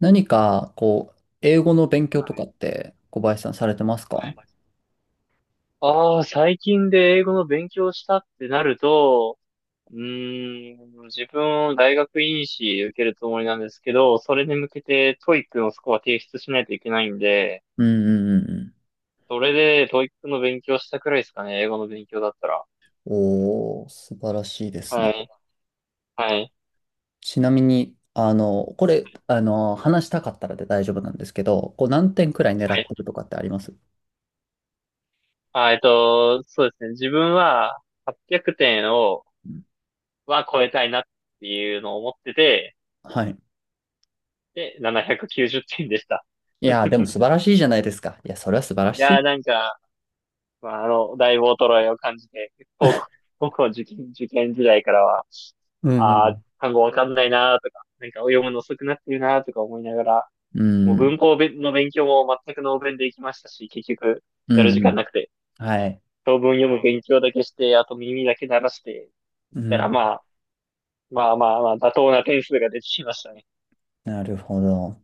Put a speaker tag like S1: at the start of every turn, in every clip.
S1: 何か、こう、英語の勉強
S2: は
S1: とか
S2: い。
S1: って小林さんされてます
S2: は
S1: か？
S2: いはい。ああ、最近で英語の勉強したってなると、うー自分を大学院士受けるつもりなんですけど、それに向けて TOEIC のスコア提出しないといけないんで、
S1: うんうんうん
S2: それで TOEIC の勉強したくらいですかね、英語の勉強だったら。
S1: うん。おー、素晴らしいです
S2: は
S1: ね。
S2: い、はい、
S1: ちなみに、これ、話したかったらで大丈夫なんですけど、こう何点くらい狙
S2: は
S1: っ
S2: い。
S1: てるとかってあります？
S2: そうですね、自分は800点を、
S1: うん。
S2: は超えたいなっていうのを思ってて、
S1: はい。
S2: で、790点でした。
S1: いやー、でも 素晴らしいじゃないですか。いや、それは素晴らしい。
S2: なんか、だいぶ衰えを感じて、僕、僕も受験時代からは、
S1: う
S2: ああ、
S1: ん
S2: 単語わかんないなーとか、なんか読むの遅くなってるなーとか思いながら、
S1: う
S2: も
S1: ん。
S2: う
S1: うん。
S2: 文法べの勉強も全くノーベンで行きましたし、結局、
S1: う
S2: やる時
S1: んう
S2: 間
S1: ん。
S2: なくて、
S1: はい。
S2: 長文読む勉強だけして、あと耳だけ鳴らして、
S1: う
S2: だから
S1: ん。
S2: まあ、まあまあまあ、妥当な点数が出てきましたね。
S1: なるほど。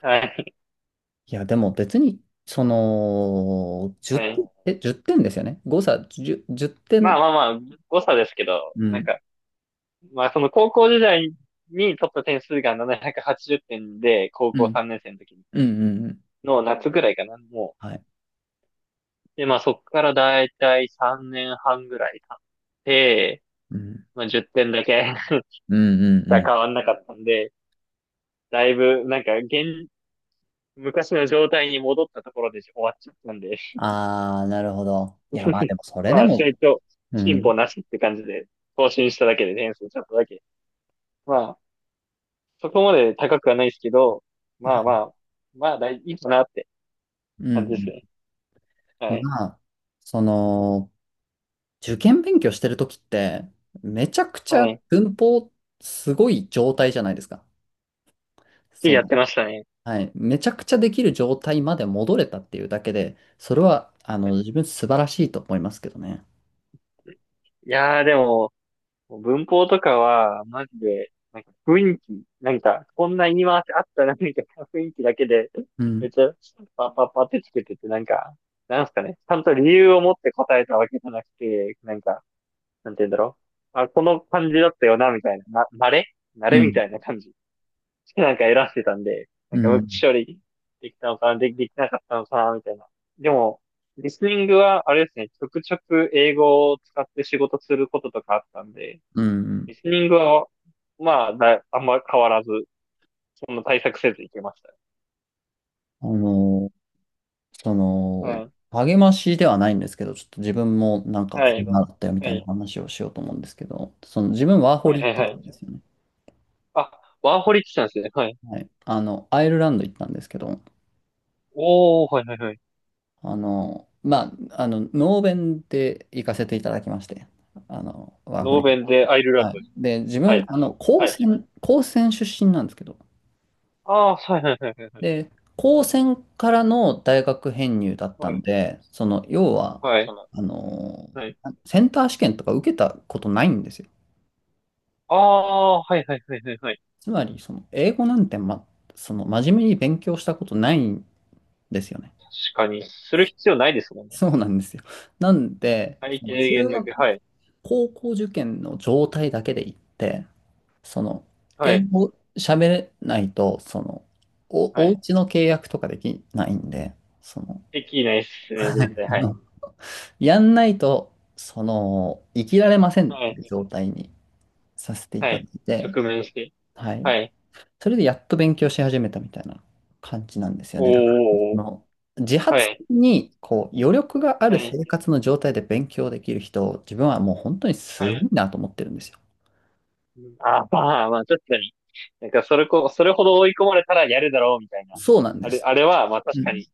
S2: はい。
S1: いや、でも別に、その、
S2: は
S1: 10、
S2: い。
S1: 1点ですよね。誤差10、10
S2: まあ
S1: 点
S2: まあまあ、誤差ですけど、
S1: う
S2: なん
S1: ん。
S2: か、まあ、その高校時代に取った点数が780点で、高
S1: う
S2: 校
S1: ん。
S2: 3年生の時
S1: うん。うんうん
S2: の夏ぐらいかな、もう。
S1: はい。
S2: で、まあ、そこからだいたい3年半ぐらい経って、
S1: うん。
S2: まあ、10点だけ
S1: うん。うん。うん。
S2: 変わんなかったんで、だいぶ、なんか、現、昔の状態に戻ったところで終わっちゃったんで、
S1: ああ、なるほど。いや、まあで も、それで
S2: まあ、成
S1: も、
S2: 長、
S1: う
S2: 進歩
S1: ん。
S2: なしって感じで、更新しただけで点数ちょっとだけ。まあ、そこまで高くはないですけど、
S1: は
S2: まあま
S1: い。
S2: あ、まあ、大いいかなって
S1: う
S2: 感じです
S1: ん。
S2: ね。は
S1: うん。
S2: い。
S1: まあ、その、受験勉強してるときって、めちゃくちゃ
S2: はい。
S1: 文法すごい状態じゃないですか。
S2: き
S1: そ
S2: やっ
S1: の、
S2: てましたね。
S1: はい。めちゃくちゃできる状態まで戻れたっていうだけで、それは、自分素晴らしいと思いますけどね。
S2: でも、文法とかは、マジで、なんか雰囲気、なんか、こんな言い回しあったな、みたいな 雰囲気だけで、
S1: う
S2: め
S1: ん。
S2: っちゃ、パッパッパってつけてて、なんか、なんすかね、ちゃんと理由を持って答えたわけじゃなくて、なんか、なんて言うんだろう。あ、この感じだったよな、みたいな、慣れ慣
S1: う
S2: れみ
S1: ん。
S2: たいな感じ。なんか選んでたんで、な
S1: う
S2: んか無機
S1: ん。
S2: 処理できたのかな、できなかったのかな、みたいな。でも、リスニングは、あれですね、ちょくちょく英語を使って仕事することとかあったんで、
S1: うん。うん。
S2: リスニングは、あんま変わらず、そんな対策せずいけました。
S1: あのその、
S2: はい。
S1: 励ましではないんですけど、ちょっと自分もなんか
S2: は
S1: こう
S2: い。
S1: ん
S2: は
S1: なだったよみたいな
S2: い。
S1: 話をしようと思うんですけど、その自分ワーホ
S2: はい
S1: リ行
S2: は
S1: っ
S2: い
S1: て
S2: は
S1: たんで
S2: い。
S1: すよね。
S2: あ、ワーホリ来たんですね。はい。
S1: はい。アイルランド行ったんですけど、
S2: おー、はいはいはい。
S1: まあ、ノーベンで行かせていただきまして、ワーホ
S2: ノー
S1: リ。
S2: ベンでアイルラン
S1: はい。
S2: ドに。
S1: で、自
S2: はい。
S1: 分、
S2: はい。
S1: 高専出身なんですけど、
S2: ああ、はいはいはいはい。
S1: で、高専からの大学編入だった
S2: は
S1: ん
S2: い。
S1: で、その、要は、
S2: はい。
S1: あの、
S2: はい。
S1: センター試験とか受けたことないんですよ。
S2: ああ、はいはいはいはいはい。
S1: つまり、その、英語なんて、ま、その、真面目に勉強したことないんですよね。
S2: 確かに、する必要ないですもんね。
S1: そうなんですよ。なんで、
S2: 最
S1: その、
S2: 低
S1: 中
S2: 限だけ、
S1: 学、
S2: はい。
S1: 高校受験の状態だけで言って、その、
S2: は
S1: 英
S2: い。
S1: 語喋れないと、その、
S2: は
S1: お
S2: い。
S1: 家の契約とかできないんで、その、
S2: できないっす ね、
S1: は
S2: 絶
S1: い。
S2: 対。はい。
S1: やんないと、その、生きられませんっ
S2: は
S1: てい
S2: い。
S1: う状態にさせてい
S2: は
S1: ただ
S2: い。
S1: いて、
S2: 直面して。
S1: はい。
S2: はい。
S1: それでやっと勉強し始めたみたいな感じなんですよね。だから
S2: おー。
S1: 自
S2: は
S1: 発
S2: い。
S1: にこう余力がある
S2: は
S1: 生
S2: い。
S1: 活の状態で勉強できる人、自分はもう本当に
S2: は
S1: すごい
S2: い。
S1: なと思ってるんですよ。
S2: あ、まあ、まあ、確かに。なんか、それほど追い込まれたらやるだろう、みたいな。
S1: そうなんです。
S2: あれは、まあ、
S1: う
S2: 確か
S1: ん。
S2: に、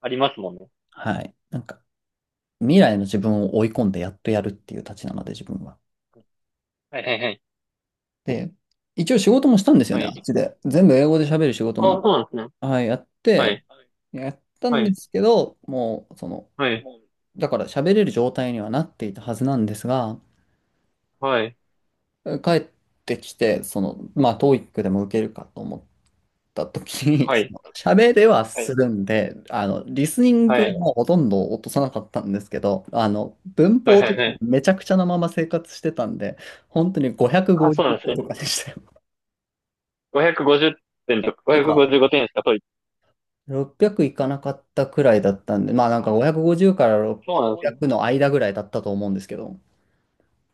S2: ありますもんね。
S1: はい。なんか未来の自分を追い込んでやっとやるっていうたちなので自分は。
S2: はいはいはい。
S1: で、一応仕事もしたんですよ
S2: は
S1: ね、あっ
S2: い。
S1: ちで。全部英語で喋る仕事
S2: あ、
S1: も、
S2: そうなんですね。
S1: はい、
S2: はい。
S1: やった
S2: は
S1: んで
S2: い。
S1: すけど、もうその、
S2: はい。
S1: だから喋れる状態にはなっていたはずなんですが、
S2: はい。
S1: 帰ってきて、その、まあ、ト o e i でも受けるかと思った時に、
S2: は
S1: そ
S2: い。
S1: の喋れは
S2: は
S1: す
S2: い。
S1: るんで、リスニン
S2: はい。
S1: グ
S2: はい。はい。
S1: もほとんど落とさなかったんですけど、文
S2: は
S1: 法と
S2: い。
S1: か
S2: はい
S1: めちゃくちゃなまま生活してたんで、本当に
S2: あ、そうなんです
S1: 550
S2: ね。
S1: とかでしたよ。
S2: 550点とか、
S1: とか、
S2: 555点しか取り、
S1: 600いかなかったくらいだったんで、まあなんか550から
S2: そうなんですね。
S1: 600の間ぐらいだったと思うんですけど、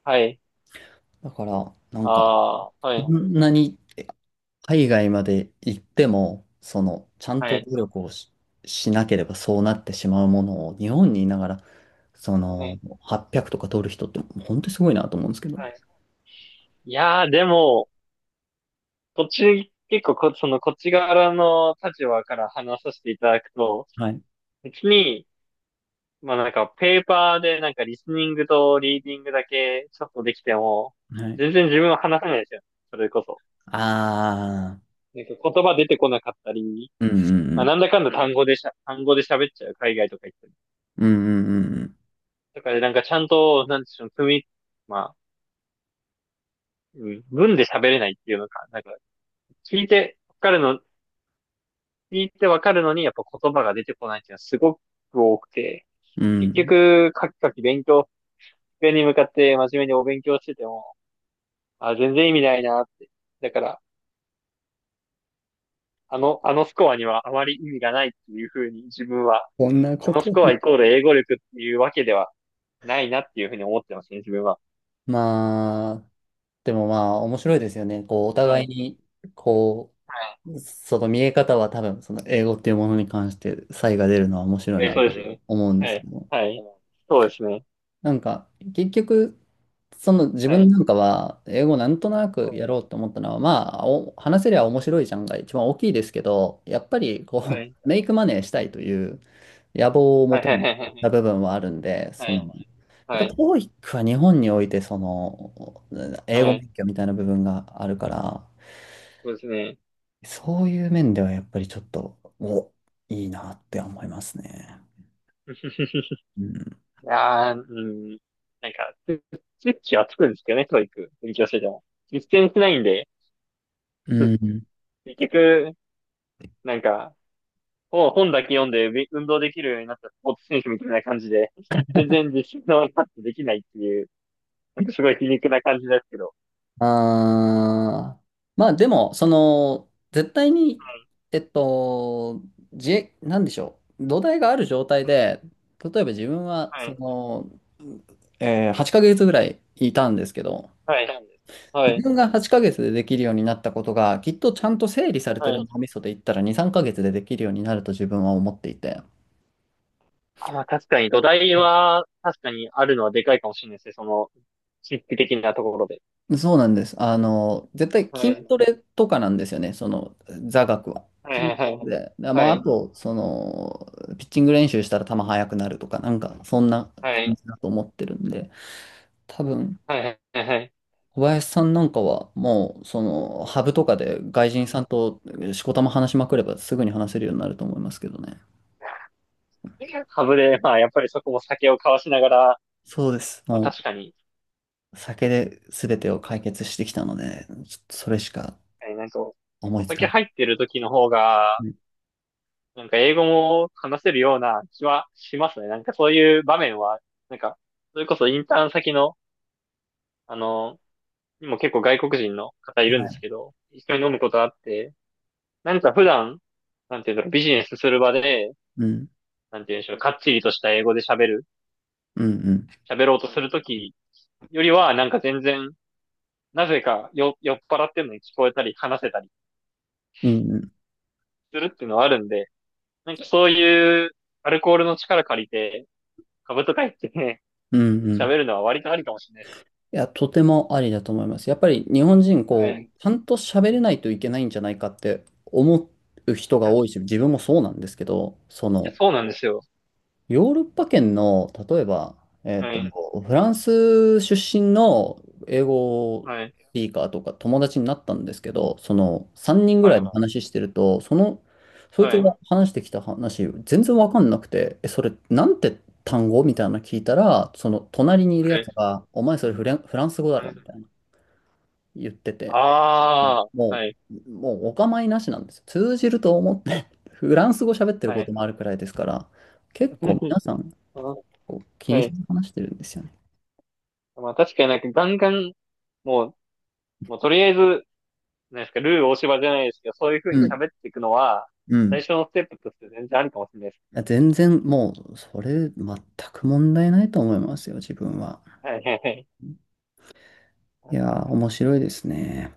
S2: はい。
S1: だから、なんか、
S2: ああー、は
S1: そ
S2: い。
S1: んなに海外まで行っても、その、ちゃん
S2: は
S1: と
S2: い。
S1: 努力をしなければそうなってしまうものを、日本にいながら、そ
S2: は
S1: の、
S2: い。
S1: 800とか取る人って、本当にすごいなと思うんですけど。
S2: はい。でも、途中、結構その、こっち側の立場から話させていただくと、
S1: はい。
S2: 別に、まあなんか、ペーパーでなんか、リスニングとリーディングだけ、ちょっとできても、
S1: はい。
S2: 全然自分は話せないですよ。それこそ。
S1: ああ、
S2: なんか、言葉出てこなかったり、
S1: うんうんう
S2: まあ、
S1: ん。
S2: なんだかんだ単語で喋っちゃう、海外とか行って。
S1: うんうん
S2: だからなんかちゃんと、なんでしょう、積み、まあ、うん文で喋れないっていうのか、なんか、聞いてわかるの、聞いてわかるのに、やっぱ言葉が出てこないっていうのはすごく多くて、
S1: うんうん。う
S2: 結
S1: ん。
S2: 局、カキカキ勉強、机に向かって真面目にお勉強してても、あ、全然意味ないなって。だから、あの、あのスコアにはあまり意味がないっていうふうに自分は、
S1: こんなこ
S2: あのス
S1: と。
S2: コアイコール英語力っていうわけではないなっていうふうに思ってますね、自分は。
S1: まあ、でもまあ、面白いですよね。こう、お
S2: は
S1: 互い
S2: い。
S1: に、こ
S2: は
S1: う、その見え方は多分、その英語っていうものに関して差異が出るのは面白
S2: い。
S1: い
S2: え、
S1: な
S2: そう
S1: と
S2: ですね。
S1: 思うんで
S2: は
S1: すけ
S2: い。
S1: ど。
S2: はい。そうですね。
S1: なんか、結局、その自
S2: は
S1: 分
S2: い。
S1: なんかは、英語なんとなく
S2: は
S1: やろうと思ったのは、まあ、お話せりゃ面白いじゃんが一番大きいですけど、やっぱり、こう、
S2: い。
S1: メイクマネーしたいという野望をも
S2: はい。
S1: とにし
S2: は
S1: た
S2: い。
S1: 部分はあるんで、
S2: は
S1: その、
S2: い。はい。
S1: や
S2: は
S1: っぱ
S2: い。
S1: TOEIC は日本において、その、英語
S2: はい。
S1: 勉強みたいな部分があるから、
S2: そうですね。
S1: そういう面ではやっぱりちょっと、いいなって思いますね。うん。
S2: いやー、うん。なんか、スイッチはつくんですけどね、教育。勉強してても。実践しないんで、
S1: う
S2: うん
S1: ん。
S2: 結局、なんか、本本だけ読んでべ運動できるようになったスポーツ選手みたいな感じで、全然実習のパッとできないっていう、なんかすごい皮肉な感じですけど。
S1: あー、まあでも、その、絶対に、えっと、なんでしょう。土台がある状態で、例えば自分は、
S2: はい。は
S1: そ
S2: い。
S1: の、8ヶ月ぐらいいたんですけど、
S2: はい。は
S1: 自
S2: い。
S1: 分が8ヶ月でできるようになったことが、きっとちゃんと整理されて
S2: は
S1: る
S2: い
S1: 脳みそで言ったら2、3ヶ月でできるようになると自分は思っていて、
S2: あ、まあ確かに土台は確かにあるのはでかいかもしれないですね。その、神秘的なところで。
S1: そうなんです。絶対
S2: は
S1: 筋
S2: い。
S1: トレとかなんですよね、その座学は。
S2: はい
S1: 筋ト
S2: はい
S1: レで、ま
S2: は
S1: あ、あ
S2: い。
S1: と、その、ピッチング練習したら球速くなるとか、なんか、そんな
S2: は
S1: 感
S2: い。
S1: じだと思ってるんで、多分、
S2: はいはいはいはい。
S1: 小林さんなんかは、もう、その、ハブとかで外
S2: う
S1: 人さ
S2: ん。
S1: んとしこたま話しまくれば、すぐに話せるようになると思いますけどね。
S2: ハブで、まあ、やっぱりそこも酒を交わしながら、
S1: そうです。
S2: まあ
S1: も
S2: 確かに、
S1: う、酒で全てを解決してきたので、ちょっとそれしか
S2: えーなんか、
S1: 思
S2: お
S1: いつか
S2: 酒
S1: な
S2: 入っ
S1: い。
S2: てる時の方
S1: う
S2: が、
S1: ん。
S2: なんか英語も話せるような気はしますね。なんかそういう場面は、なんか、それこそインターン先の、あの、にも結構外国人の方い
S1: は
S2: るんです
S1: い。
S2: けど、一緒に飲むことあって、なんか普段、なんていうんだろう、ビジネスする場で、
S1: うん。
S2: なんていうんでしょう、かっちりとした英語で
S1: うん。
S2: 喋ろうとするときよりは、なんか全然、なぜかよ酔っ払ってるのに聞こえたり、話せたり
S1: うんうん
S2: するっていうのはあるんで、なんかそういうアルコールの力借りて、株とか言ってね、
S1: うんうん。
S2: 喋るのは割とありかもしれないです。
S1: いや、とてもありだと思います。やっぱり日本人、
S2: は
S1: こう、
S2: い。い
S1: ちゃんと喋れないといけないんじゃないかって思う人が多
S2: や、
S1: いし、自分もそうなんですけど、その、
S2: そうなんですよ。
S1: ヨーロッパ圏の、例えば、えっ
S2: は
S1: と、
S2: い。
S1: フランス出身の英語
S2: はい。
S1: スピーカーとか友達になったんですけど、その3人ぐ
S2: は
S1: らい
S2: い。
S1: で
S2: は
S1: 話してると、その、そ
S2: い。
S1: いつが
S2: は
S1: 話してきた話、全然わかんなくて、え、それ、なんて単語みたいなの聞いたら、その隣にいるやつ
S2: い。
S1: が、お前それフランス語だろみたいな言ってて、
S2: ああ、
S1: も
S2: はい。
S1: もうお構いなしなんですよ。通じると思って、フランス語喋ってる
S2: は
S1: こ
S2: い。
S1: ともあるくらいですから、結構 皆さん、
S2: あ
S1: こう気
S2: は
S1: にせ
S2: い。
S1: ず話してるんですよね。
S2: まあ確かになんかガンガン、もう、もうとりあえずなんですか、ルー大柴じゃないですけど、そういう風
S1: う
S2: に
S1: ん。
S2: 喋っていくのは、
S1: うん。い
S2: 最初のステップとして全然ありかもしれないです。
S1: や全然もう、それ全く問題ないと思いますよ、自分は。
S2: はいはいはい。
S1: い
S2: 確
S1: やー、
S2: かに。
S1: 面白いですね。